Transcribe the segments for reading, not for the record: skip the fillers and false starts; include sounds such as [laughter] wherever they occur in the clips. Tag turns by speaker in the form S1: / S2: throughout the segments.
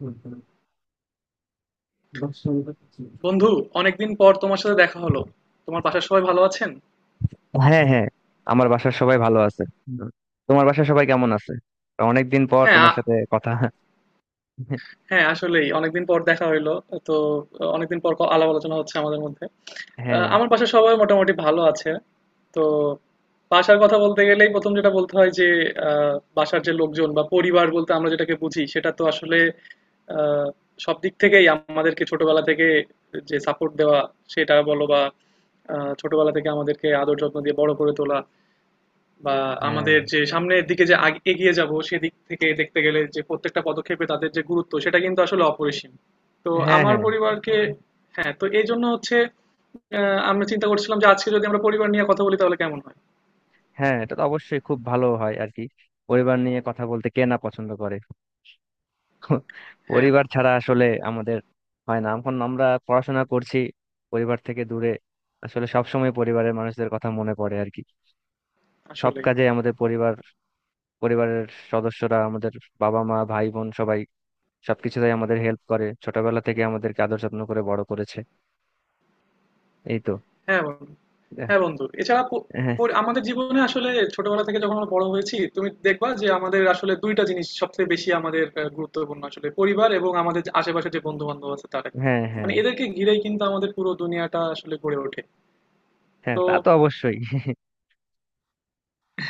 S1: হুম, হুম। রূপসঙ্গীত কি?
S2: বন্ধু, অনেকদিন পর তোমার সাথে দেখা হলো। তোমার বাসার সবাই ভালো আছেন?
S1: হ্যাঁ, হ্যাঁ, আমার বাসার সবাই ভালো আছে। হুম। তোমার বাসার সবাই কেমন আছে? অনেকদিন পর
S2: হ্যাঁ
S1: তোমার
S2: আ-
S1: সাথে কথা। হ্যাঁ,
S2: হ্যাঁ, আসলেই অনেকদিন পর দেখা হইলো। তো অনেকদিন পর আলাপ আলোচনা হচ্ছে আমাদের মধ্যে।
S1: হ্যাঁ,
S2: আমার বাসার সবাই মোটামুটি ভালো আছে। তো বাসার কথা বলতে গেলেই প্রথম যেটা বলতে হয় যে বাসার যে লোকজন বা পরিবার বলতে আমরা যেটাকে বুঝি সেটা তো আসলে আহ, সব দিক থেকেই আমাদেরকে ছোটবেলা থেকে যে সাপোর্ট দেওয়া সেটা বলো বা ছোটবেলা থেকে আমাদেরকে আদর যত্ন দিয়ে বড় করে তোলা, বা আমাদের যে সামনের দিকে যে এগিয়ে যাব সেদিক থেকে দেখতে গেলে যে প্রত্যেকটা পদক্ষেপে তাদের যে গুরুত্ব সেটা কিন্তু আসলে অপরিসীম। তো
S1: হ্যাঁ।
S2: আমার
S1: হ্যাঁ,
S2: পরিবারকে, হ্যাঁ তো এই জন্য হচ্ছে আমরা চিন্তা করছিলাম যে আজকে যদি আমরা পরিবার নিয়ে কথা বলি তাহলে কেমন হয়।
S1: হ্যাঁ, এটা তো অবশ্যই খুব ভালো হয় আর কি। পরিবার নিয়ে কথা বলতে কে না পছন্দ করে?
S2: হ্যাঁ
S1: পরিবার ছাড়া আসলে আমাদের হয় না। এখন আমরা পড়াশোনা করছি, পরিবার থেকে দূরে। আসলে সব সময় পরিবারের মানুষদের কথা মনে পড়ে আর কি। সব
S2: আসলে,
S1: কাজে আমাদের পরিবার, পরিবারের সদস্যরা আমাদের, বাবা মা ভাই বোন সবাই সবকিছুতেই আমাদের হেল্প করে, ছোটবেলা থেকে আমাদেরকে আদর যত্ন করে বড় করেছে। এই তো।
S2: হ্যাঁ বন্ধু,
S1: হ্যাঁ,
S2: হ্যাঁ বন্ধু এছাড়া আমাদের জীবনে আসলে ছোটবেলা থেকে যখন আমরা বড় হয়েছি তুমি দেখবা যে আমাদের আসলে দুইটা জিনিস সবচেয়ে বেশি আমাদের গুরুত্বপূর্ণ, আসলে পরিবার এবং আমাদের যে আশেপাশে যে বন্ধু বান্ধব আছে তারা।
S1: হ্যাঁ, হ্যাঁ,
S2: মানে এদেরকে ঘিরেই কিন্তু আমাদের পুরো দুনিয়াটা আসলে গড়ে ওঠে।
S1: হ্যাঁ, তা
S2: তো
S1: তো অবশ্যই।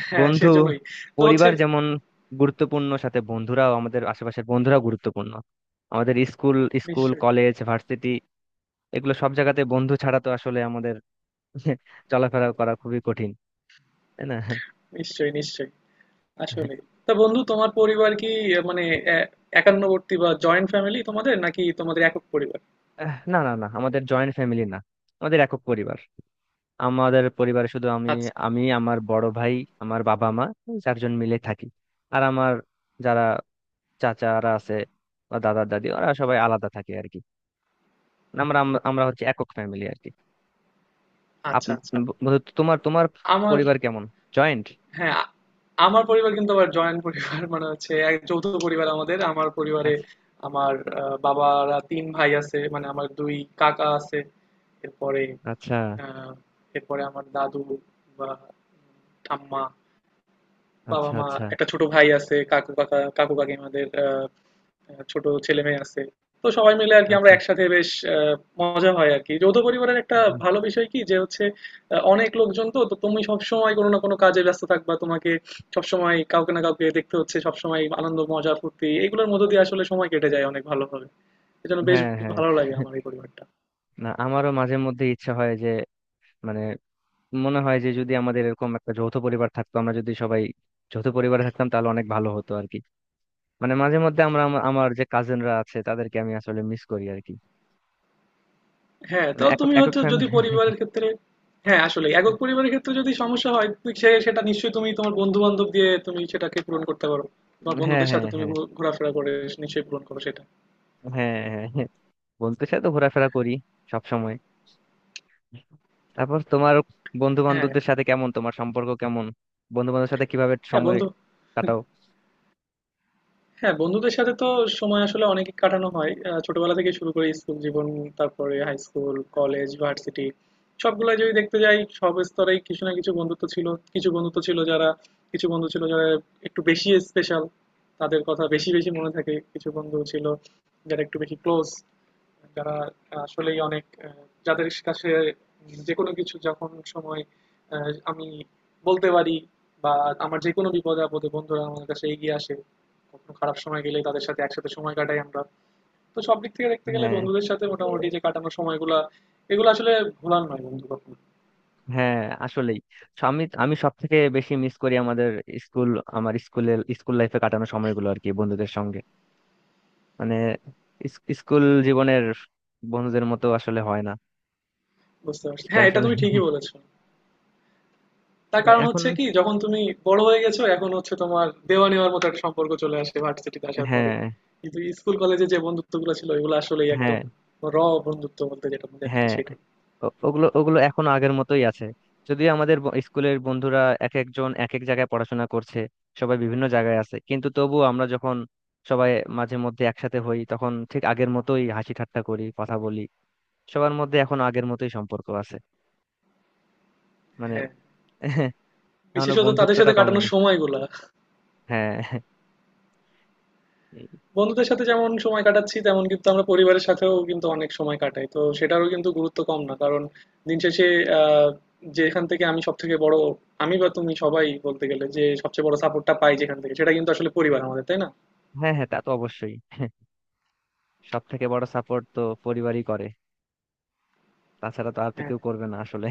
S2: হ্যাঁ
S1: বন্ধু,
S2: সেজন্যই, তো হচ্ছে,
S1: পরিবার যেমন গুরুত্বপূর্ণ, সাথে বন্ধুরাও, আমাদের আশেপাশের বন্ধুরাও গুরুত্বপূর্ণ। আমাদের স্কুল, স্কুল
S2: নিশ্চয়ই
S1: কলেজ ভার্সিটি, এগুলো সব জায়গাতে বন্ধু ছাড়া তো আসলে আমাদের [laughs] চলাফেরা করা খুবই কঠিন, তাই না?
S2: নিশ্চয়ই। নিশ্চয়ই আসলে, তা বন্ধু তোমার পরিবার কি মানে এ- একান্নবর্তী বা জয়েন্ট ফ্যামিলি তোমাদের, নাকি তোমাদের একক পরিবার?
S1: না, না, না, আমাদের জয়েন্ট ফ্যামিলি না, আমাদের একক পরিবার। আমাদের পরিবারে শুধু আমি,
S2: আচ্ছা
S1: আমি আমার বড় ভাই, আমার বাবা মা, এই চারজন মিলে থাকি। আর আমার যারা চাচারা আছে বা দাদা দাদি, ওরা সবাই আলাদা থাকে আর কি। আমরা হচ্ছে একক ফ্যামিলি আর কি। আপ
S2: আচ্ছা আচ্ছা।
S1: বন্ধু, তোমার তোমার
S2: আমার,
S1: পরিবার কেমন? জয়েন্ট?
S2: হ্যাঁ, আমার পরিবার কিন্তু আবার জয়েন্ট পরিবার, মানে হচ্ছে এক যৌথ পরিবার আমাদের। আমার পরিবারে
S1: আচ্ছা,
S2: আমার বাবারা তিন ভাই আছে, মানে আমার দুই কাকা আছে। এরপরে
S1: আচ্ছা,
S2: আহ, এরপরে আমার দাদু বা ঠাম্মা,
S1: আচ্ছা,
S2: বাবা-মা,
S1: আচ্ছা,
S2: একটা ছোট ভাই আছে, কাকু-কাকা, কাকু-কাকিমাদের ছোট ছেলেমেয়ে আছে। তো সবাই মিলে আরকি আমরা
S1: আচ্ছা।
S2: একসাথে বেশ আ মজা হয় আরকি। যৌথ পরিবারের একটা
S1: হুম।
S2: ভালো বিষয় কি যে হচ্ছে অনেক লোকজন, তো তুমি সবসময় কোনো না কোনো কাজে ব্যস্ত থাকবা। তোমাকে সবসময় কাউকে না কাউকে দেখতে হচ্ছে, সবসময় আনন্দ, মজা, ফুর্তি এগুলোর মধ্য দিয়ে আসলে সময় কেটে যায় অনেক ভালোভাবে। এজন্য বেশ
S1: হ্যাঁ, হ্যাঁ,
S2: ভালো লাগে আমার এই পরিবারটা।
S1: না, আমারও মাঝে মধ্যে ইচ্ছা হয় যে মানে মনে হয় যে যদি আমাদের এরকম একটা যৌথ পরিবার থাকতো, আমরা যদি সবাই যৌথ পরিবারে থাকতাম তাহলে অনেক ভালো হতো আর কি। মানে মাঝে মধ্যে আমার যে কাজিনরা আছে তাদেরকে আমি আসলে মিস করি আর কি।
S2: হ্যাঁ
S1: মানে
S2: তো
S1: একক
S2: তুমি
S1: একক
S2: হচ্ছে যদি
S1: ফ্যামিলি।
S2: পরিবারের ক্ষেত্রে, হ্যাঁ আসলে একক
S1: [laughs]
S2: পরিবারের ক্ষেত্রে যদি সমস্যা হয় তুই সেটা নিশ্চয়ই তুমি তোমার বন্ধু বান্ধব দিয়ে তুমি সেটাকে পূরণ করতে পারো। তোমার
S1: হ্যাঁ,
S2: বন্ধুদের
S1: হ্যাঁ,
S2: সাথে তুমি
S1: হ্যাঁ,
S2: ঘোরাফেরা করে নিশ্চয়ই পূরণ করো সেটা।
S1: হ্যাঁ, হ্যাঁ, হ্যাঁ, বন্ধুদের সাথে তো ঘোরাফেরা করি সব সময়। তারপর তোমার বন্ধু
S2: হ্যাঁ
S1: বান্ধবদের সাথে কেমন, তোমার সম্পর্ক কেমন বন্ধু বান্ধবের সাথে? কিভাবে
S2: হ্যাঁ
S1: সময়
S2: বন্ধু,
S1: কাটাও?
S2: হ্যাঁ বন্ধুদের সাথে তো সময় আসলে অনেক কাটানো হয়। ছোটবেলা থেকে শুরু করে স্কুল জীবন, তারপরে হাই স্কুল, কলেজ, ভার্সিটি, সবগুলো যদি দেখতে যাই সব স্তরেই কিছু না কিছু বন্ধুত্ব ছিল। কিছু বন্ধুত্ব ছিল যারা, কিছু বন্ধু ছিল যারা একটু বেশি স্পেশাল, তাদের কথা বেশি বেশি মনে থাকে। কিছু বন্ধু ছিল যারা একটু বেশি ক্লোজ, যারা আসলেই অনেক যাদের কাছে যে কোনো কিছু যখন সময় আমি বলতে পারি, বা আমার যে কোনো বিপদে আপদে বন্ধুরা আমার কাছে এগিয়ে আসে। কখনো খারাপ সময় গেলে তাদের সাথে একসাথে সময় কাটাই আমরা। তো সব দিক থেকে দেখতে গেলে
S1: হ্যাঁ,
S2: বন্ধুদের সাথে মোটামুটি যে কাটানো সময়গুলা এগুলো আসলে ভোলার নয় বন্ধু কখনো।
S1: হ্যাঁ, আসলেই। সো আমি আমি সব থেকে বেশি মিস করি আমাদের স্কুল, আমার স্কুলের স্কুল লাইফে কাটানো সময়গুলো আর কি, বন্ধুদের সঙ্গে। মানে স্কুল জীবনের বন্ধুদের মতো আসলে হয় না
S2: বুঝতে পারছি,
S1: সেটা
S2: হ্যাঁ এটা
S1: আসলে।
S2: তুমি ঠিকই
S1: [laughs]
S2: বলেছো। তার কারণ
S1: এখন
S2: হচ্ছে কি, যখন তুমি বড় হয়ে গেছো এখন হচ্ছে তোমার দেওয়া নেওয়ার মতো একটা সম্পর্ক চলে আসে ভার্সিটিতে আসার পরে,
S1: হ্যাঁ,
S2: কিন্তু স্কুল কলেজে যে বন্ধুত্বগুলো ছিল এগুলো আসলেই একদম
S1: হ্যাঁ,
S2: র বন্ধুত্ব বলতে যেটা বলে আর কি
S1: হ্যাঁ,
S2: সেটাই।
S1: ও- ওগুলো ওগুলো এখনো আগের মতোই আছে। যদিও আমাদের স্কুলের বন্ধুরা এক একজন এক এক জায়গায় পড়াশোনা করছে, সবাই বিভিন্ন জায়গায় আছে, কিন্তু তবুও আমরা যখন সবাই মাঝে মধ্যে একসাথে হই তখন ঠিক আগের মতোই হাসি ঠাট্টা করি, কথা বলি। সবার মধ্যে এখন আগের মতোই সম্পর্ক আছে, মানে।
S2: হ্যাঁ
S1: [laughs] এখনো
S2: বিশেষত তাদের
S1: বন্ধুত্বটা
S2: সাথে কাটানোর
S1: কমেনি।
S2: সময়গুলা।
S1: হ্যাঁ,
S2: বন্ধুদের সাথে যেমন সময় কাটাচ্ছি তেমন কিন্তু আমরা পরিবারের সাথেও কিন্তু অনেক সময় কাটাই, তো সেটারও কিন্তু গুরুত্ব কম না কারণ দিন শেষে আহ, যেখান থেকে আমি সব থেকে বড়, আমি বা তুমি সবাই বলতে গেলে যে সবচেয়ে বড় সাপোর্টটা পাই যেখান থেকে সেটা কিন্তু আসলে পরিবার আমাদের, তাই না?
S1: হ্যাঁ, হ্যাঁ, তা তো অবশ্যই। সব থেকে বড় সাপোর্ট তো পরিবারই করে, তাছাড়া তো আর তো
S2: হ্যাঁ
S1: কেউ করবে না আসলে।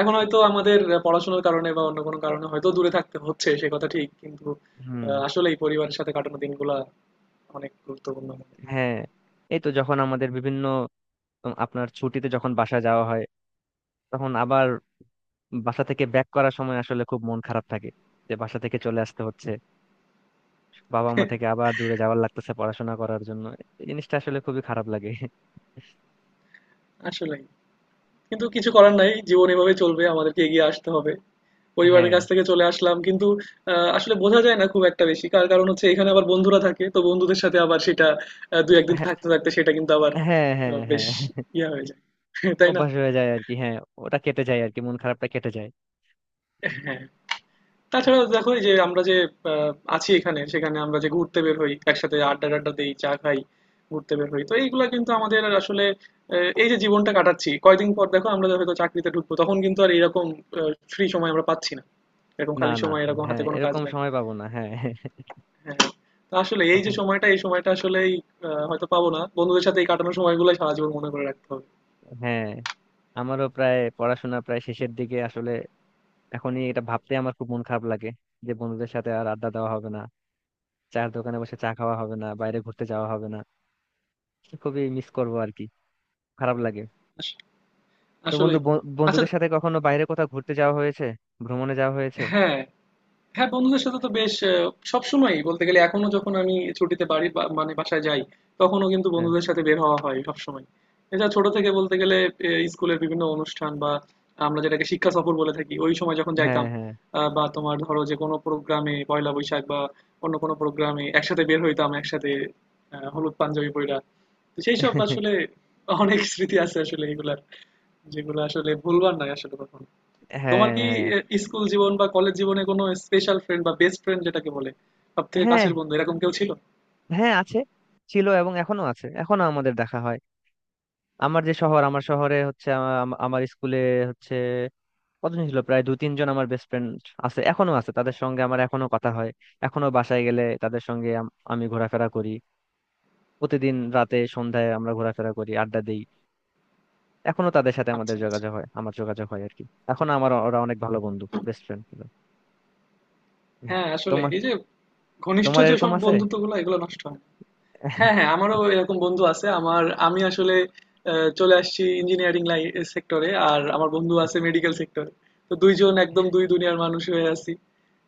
S2: এখন হয়তো আমাদের পড়াশোনার কারণে বা অন্য কোনো কারণে হয়তো দূরে থাকতে হচ্ছে, সে কথা ঠিক, কিন্তু
S1: হুম।
S2: আসলেই পরিবারের সাথে কাটানো দিনগুলা অনেক গুরুত্বপূর্ণ আমাদের।
S1: হ্যাঁ, এই তো যখন আমাদের বিভিন্ন আপনার ছুটিতে যখন বাসা যাওয়া হয় তখন আবার বাসা থেকে ব্যাক করার সময় আসলে খুব মন খারাপ থাকে, যে বাসা থেকে চলে আসতে হচ্ছে, বাবা মা থেকে আবার দূরে যাওয়ার লাগতেছে পড়াশোনা করার জন্য। এই জিনিসটা আসলে খুবই খারাপ লাগে।
S2: আসলেই কিন্তু কিছু করার নাই, জীবন এভাবে চলবে, আমাদেরকে এগিয়ে আসতে হবে। পরিবারের
S1: হ্যাঁ,
S2: কাছ থেকে চলে আসলাম, কিন্তু আসলে বোঝা যায় না খুব একটা বেশি, কার কারণ হচ্ছে এখানে আবার বন্ধুরা থাকে তো বন্ধুদের সাথে আবার সেটা দু একদিন
S1: হ্যাঁ,
S2: থাকতে থাকতে সেটা কিন্তু আবার
S1: হ্যাঁ, হ্যাঁ,
S2: বেশ
S1: হ্যাঁ।
S2: ইয়া হয়ে যায় [laughs] তাই না?
S1: অভ্যাস হয়ে যায় আর কি, হ্যাঁ। ওটা কেটে যায় আর কি, মন খারাপটা কেটে যায়।
S2: হ্যাঁ, তাছাড়া দেখো এই যে আমরা যে আছি এখানে, সেখানে আমরা যে ঘুরতে বের হই, একসাথে আড্ডা টাড্ডা দিই, চা খাই, ঘুরতে বের হই, তো এইগুলা কিন্তু আমাদের আসলে এই যে জীবনটা কাটাচ্ছি, কয়দিন পর দেখো আমরা হয়তো চাকরিতে ঢুকবো, তখন কিন্তু আর এরকম ফ্রি সময় আমরা পাচ্ছি না, এরকম
S1: না,
S2: খালি
S1: না,
S2: সময় এরকম হাতে
S1: হ্যাঁ,
S2: কোনো কাজ
S1: এরকম
S2: নাই।
S1: সময় পাবো না, হ্যাঁ।
S2: হ্যাঁ হ্যাঁ। তো আসলে এই যে
S1: তখন
S2: সময়টা, এই সময়টা আসলেই হয়তো পাবো না, বন্ধুদের সাথে এই কাটানোর সময়গুলো সারা জীবন মনে করে রাখতে হবে।
S1: হ্যাঁ, আমারও প্রায় পড়াশোনা প্রায় শেষের দিকে আসলে। এখনই এটা ভাবতে আমার খুব মন খারাপ লাগে, যে বন্ধুদের সাথে আর আড্ডা দেওয়া হবে না, চায়ের দোকানে বসে চা খাওয়া হবে না, বাইরে ঘুরতে যাওয়া হবে না। খুবই মিস করবো আর কি, খারাপ লাগে।
S2: আস-
S1: তো বন্ধু
S2: আসলেই বন্ধু। আচ্ছা,
S1: বন্ধুদের সাথে কখনো বাইরে কোথাও ঘুরতে যাওয়া হয়েছে? ভ্রমণে যাওয়া হয়েছে?
S2: হ্যাঁ হ্যাঁ, বন্ধুদের সাথে তো বেশ সবসময়ই বলতে গেলে, এখনো যখন আমি ছুটিতে বাড়ি বা মানে বাসায় যাই, তখনও কিন্তু
S1: হ্যাঁ,
S2: বন্ধুদের সাথে বের হওয়া হয় সবসময়। এছাড়া ছোট থেকে বলতে গেলে এ স্কুলের বিভিন্ন অনুষ্ঠান বা আমরা যেটাকে শিক্ষা সফর বলে থাকি, ওই সময় যখন
S1: হ্যাঁ,
S2: যাইতাম
S1: হ্যাঁ।
S2: বা তোমার ধরো যে কোনো প্রোগ্রামে পহেলা বৈশাখ বা অন্য কোনো প্রোগ্রামে একসাথে বের হইতাম, একসাথে হলুদ পাঞ্জাবি পইড়া। তো সেইসব আসলে
S1: [laughs]
S2: অনেক স্মৃতি আছে আসলে এগুলার, যেগুলো আসলে ভুলবার নয় আসলে কখনো। তোমার
S1: হ্যাঁ,
S2: কি
S1: হ্যাঁ,
S2: স্কুল জীবন বা কলেজ জীবনে কোনো স্পেশাল ফ্রেন্ড বা বেস্ট ফ্রেন্ড যেটাকে বলে সব থেকে
S1: হ্যাঁ,
S2: কাছের বন্ধু, এরকম কেউ ছিল?
S1: হ্যাঁ আছে, ছিল এবং এখনো আছে, এখনো আমাদের দেখা হয়। আমার যে শহর, আমার শহরে হচ্ছে আমা- আমা- আমার স্কুলে হচ্ছে কতজন ছিল প্রায় দু তিনজন আমার বেস্ট ফ্রেন্ড আছে, এখনো আছে, তাদের সঙ্গে আমার এখনো কথা হয়। এখনো বাসায় গেলে তাদের সঙ্গে আমি ঘোরাফেরা করি। প্রতিদিন রাতে সন্ধ্যায় আমরা ঘোরাফেরা করি, আড্ডা দেই। এখনো তাদের সাথে আমাদের
S2: আচ্ছা আচ্ছা।
S1: যোগাযোগ হয়, আমার যোগাযোগ হয় আর কি। এখন আমার ওরা অনেক ভালো বন্ধু, বেস্ট ফ্রেন্ড।
S2: হ্যাঁ আসলে
S1: তোমার
S2: এই যে ঘনিষ্ঠ
S1: তোমার
S2: যে
S1: এরকম
S2: সব
S1: আছে?
S2: বন্ধুত্ব গুলো এগুলো নষ্ট হয় না। হ্যাঁ
S1: [laughs]
S2: হ্যাঁ আমারও এরকম বন্ধু আছে। আমার, আমি আসলে চলে আসছি ইঞ্জিনিয়ারিং লাইন সেক্টরে, আর আমার বন্ধু আছে মেডিকেল সেক্টরে। তো দুইজন একদম দুই দুনিয়ার মানুষ হয়ে আছি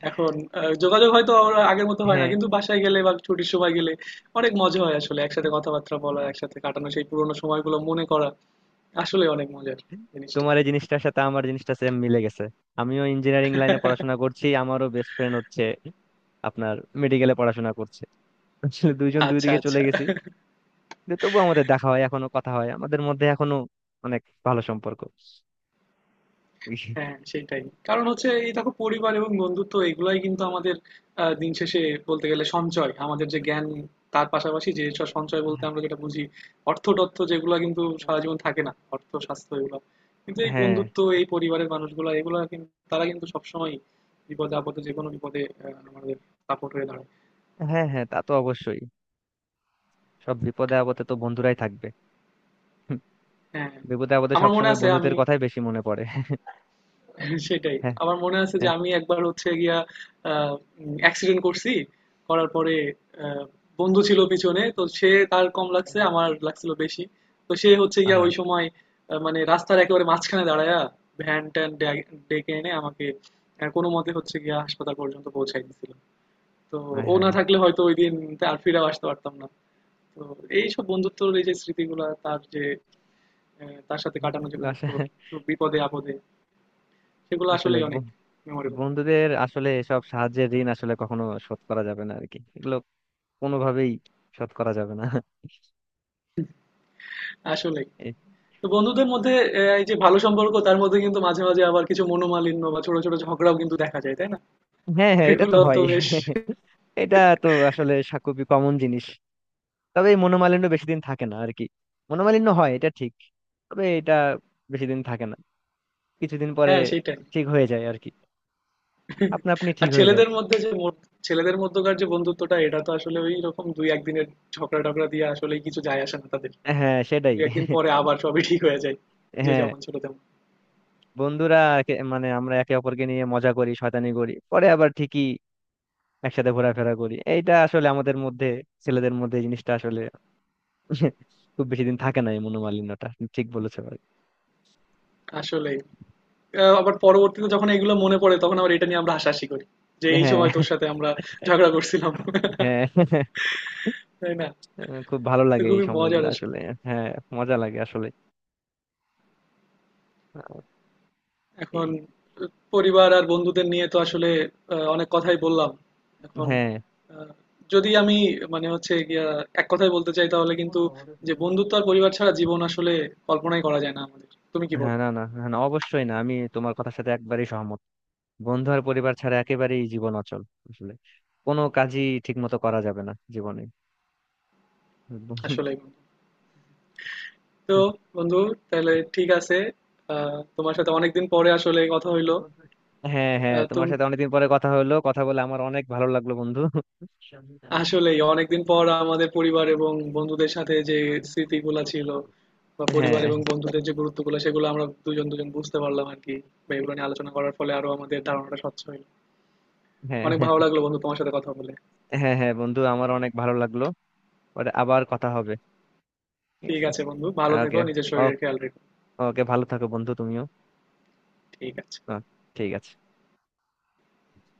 S2: এখন। যোগাযোগ হয়তো আর আগের মতো হয় না,
S1: হ্যাঁ,
S2: কিন্তু বাসায় গেলে বা ছুটির সময় গেলে অনেক মজা হয় আসলে, একসাথে কথাবার্তা বলা, একসাথে কাটানো সেই পুরোনো সময়গুলো মনে করা আসলে অনেক মজার জিনিসটা।
S1: তোমার এই জিনিসটার সাথে আমার জিনিসটা সেম মিলে গেছে। আমিও ইঞ্জিনিয়ারিং লাইনে পড়াশোনা করছি, আমারও বেস্ট ফ্রেন্ড হচ্ছে আপনার, মেডিকেলে পড়াশোনা করছে। আসলে দুইজন দুই
S2: আচ্ছা
S1: দিকে চলে
S2: আচ্ছা।
S1: গেছি, যে তবুও আমাদের দেখা হয়, এখনো কথা হয় আমাদের মধ্যে, এখনো অনেক ভালো সম্পর্ক।
S2: হ্যাঁ সেটাই, কারণ হচ্ছে এই দেখো পরিবার এবং বন্ধুত্ব এগুলাই কিন্তু আমাদের দিন শেষে বলতে গেলে সঞ্চয়, আমাদের যে জ্ঞান তার পাশাপাশি যে সব সঞ্চয় বলতে আমরা যেটা বুঝি অর্থ টর্থ, যেগুলো কিন্তু সারা জীবন থাকে না, অর্থ স্বাস্থ্য এগুলো। কিন্তু এই
S1: হ্যাঁ,
S2: বন্ধুত্ব এই পরিবারের মানুষগুলো এগুলো কিন্তু, তারা কিন্তু সবসময় বিপদে আপদে যে কোনো বিপদে আমাদের সাপোর্ট হয়ে দাঁড়ায়।
S1: হ্যাঁ, হ্যাঁ, তা তো অবশ্যই, সব বিপদে আপদে তো বন্ধুরাই থাকবে। হুম,
S2: হ্যাঁ
S1: বিপদে আপদে
S2: আমার মনে
S1: সবসময়
S2: আছে
S1: বন্ধুদের
S2: আমি
S1: কথাই বেশি মনে পড়ে।
S2: [laughs] সেটাই।
S1: হ্যাঁ,
S2: আমার মনে আছে যে
S1: হ্যাঁ,
S2: আমি একবার হচ্ছে গিয়া আহ অ্যাক্সিডেন্ট করছি। করার পরে আহ বন্ধু ছিল পিছনে। তো সে, তার কম লাগছে, আমার লাগছিল বেশি। তো সে হচ্ছে গিয়া
S1: আহা,
S2: ওই সময় মানে রাস্তার একেবারে মাঝখানে দাঁড়ায়া ভ্যান-ট্যান ডেকে এনে আমাকে কোনোমতে হচ্ছে গিয়া হাসপাতাল পর্যন্ত পৌঁছায় দিছিল। তো
S1: হ্যাঁ,
S2: ও না
S1: হ্যাঁ,
S2: থাকলে হয়তো ওইদিন আর ফিরেও আসতে পারতাম না। তো এইসব বন্ধুত্বর এই যে স্মৃতিগুলা, তার যে তার সাথে কাটানো যে মুহূর্ত,
S1: আসলে,
S2: সব বিপদে আপদে, সেগুলো
S1: আসলে
S2: আসলেই অনেক মেমোরেবল।
S1: বন্ধুদের আসলে সব সাহায্যের ঋণ আসলে কখনো শোধ করা যাবে না আর কি, এগুলো কোনোভাবেই শোধ করা যাবে না।
S2: আসলেই। তো বন্ধুদের মধ্যে এ এই যে ভালো সম্পর্ক তার মধ্যে কিন্তু মাঝে মাঝে আবার কিছু মনোমালিন্য বা ছোট, ছোট ঝগড়াও কিন্তু দেখা যায়, তাই না?
S1: হ্যাঁ, হ্যাঁ, এটা তো
S2: এগুলাও তো
S1: হয়,
S2: বেশ,
S1: এটা তো আসলে খুবই কমন জিনিস। তবে এই মনোমালিন্য বেশি দিন থাকে না আর কি। মনোমালিন্য হয়, এটা ঠিক, তবে এটা বেশি দিন থাকে না, কিছুদিন পরে
S2: হ্যাঁ, সেটাই।
S1: ঠিক হয়ে যায় আর কি, আপনা আপনি
S2: আর
S1: ঠিক হয়ে যায়।
S2: ছেলেদের মধ্যে যে মো, ছেলেদের মধ্যকার যে বন্ধুত্বটা এটা তো আসলে ঐরকম ২-১ দিনের ঝগড়া-টগড়া দিয়ে আসলেই কিছু যায় আসে না তাদের।
S1: হ্যাঁ, সেটাই।
S2: ২-১ দিন পরে আবার সবই ঠিক হয়ে যায়। যে
S1: হ্যাঁ,
S2: যেমন ছিল তেমন।
S1: বন্ধুরা মানে আমরা একে অপরকে নিয়ে মজা করি, শয়তানি করি, পরে আবার ঠিকই একসাথে ঘোরাফেরা করি। এইটা আসলে আমাদের মধ্যে, ছেলেদের মধ্যে এই জিনিসটা আসলে [laughs] খুব বেশি দিন থাকে না, এই মনোমালিন্যটা। ঠিক বলেছো ভাই।
S2: আসলেই। আবার পরবর্তীতে যখন এগুলো মনে পড়ে তখন আবার এটা নিয়ে আমরা হাসাহাসি করি, যে এই
S1: হ্যাঁ,
S2: সময় তোর সাথে আমরা ঝগড়া করছিলাম,
S1: হ্যাঁ,
S2: তাই না?
S1: খুব ভালো
S2: তো
S1: লাগে এই
S2: খুবই মজার
S1: সময়গুলো
S2: আসলে।
S1: আসলে। হ্যাঁ, মজা লাগে আসলে। আহ,
S2: এখন
S1: এই-
S2: পরিবার আর বন্ধুদের নিয়ে তো আসলে অনেক কথাই বললাম। এখন
S1: হ্যাঁ,
S2: আহ, যদি আমি মানে হচ্ছে গিয়া এক কথায় বলতে চাই তাহলে কিন্তু যে বন্ধুত্ব আর পরিবার ছাড়া জীবন আসলে কল্পনাই করা যায় না আমাদের, তুমি কি
S1: হ্যাঁ,
S2: বলবো।
S1: না, না, হ্যাঁ, না, অবশ্যই না, আমি তোমার কথার সাথে একবারেই সহমত। বন্ধু আর পরিবার ছাড়া একেবারেই জীবন অচল, আসলে কোনো কাজই ঠিক মতো করা যাবে না জীবনে। [laughs]
S2: আসলে বন্ধু, তো বন্ধু, তাহলে ঠিক আছে। তোমার সাথে অনেকদিন পরে আসলে কথা হইলো।
S1: হ্যাঁ, হ্যাঁ, তোমার
S2: তুমি,
S1: সাথে অনেকদিন পরে কথা হলো, কথা বলে আমার অনেক ভালো লাগলো বন্ধু।
S2: আসলেই অনেকদিন পর আমাদের পরিবার এবং বন্ধুদের সাথে যে স্মৃতিগুলা ছিল বা
S1: হ্যাঁ,
S2: পরিবার এবং বন্ধুদের যে গুরুত্বগুলো সেগুলো আমরা দুজন দুজন বুঝতে পারলাম আর কি, বা এগুলো নিয়ে আলোচনা করার ফলে আরো আমাদের ধারণাটা স্বচ্ছ হলো।
S1: হ্যাঁ,
S2: অনেক ভালো লাগলো বন্ধু তোমার সাথে কথা বলে।
S1: হ্যাঁ, হ্যাঁ বন্ধু আমার অনেক ভালো লাগলো। পরে আবার কথা হবে, ঠিক
S2: ঠিক
S1: আছে?
S2: আছে বন্ধু, ভালো থেকো,
S1: ওকে।
S2: নিজের শরীরের খেয়াল রেখো।
S1: ওকে, ভালো থাকো বন্ধু তুমিও।
S2: ঠিক আছে।
S1: আহ, ঠিক আছে।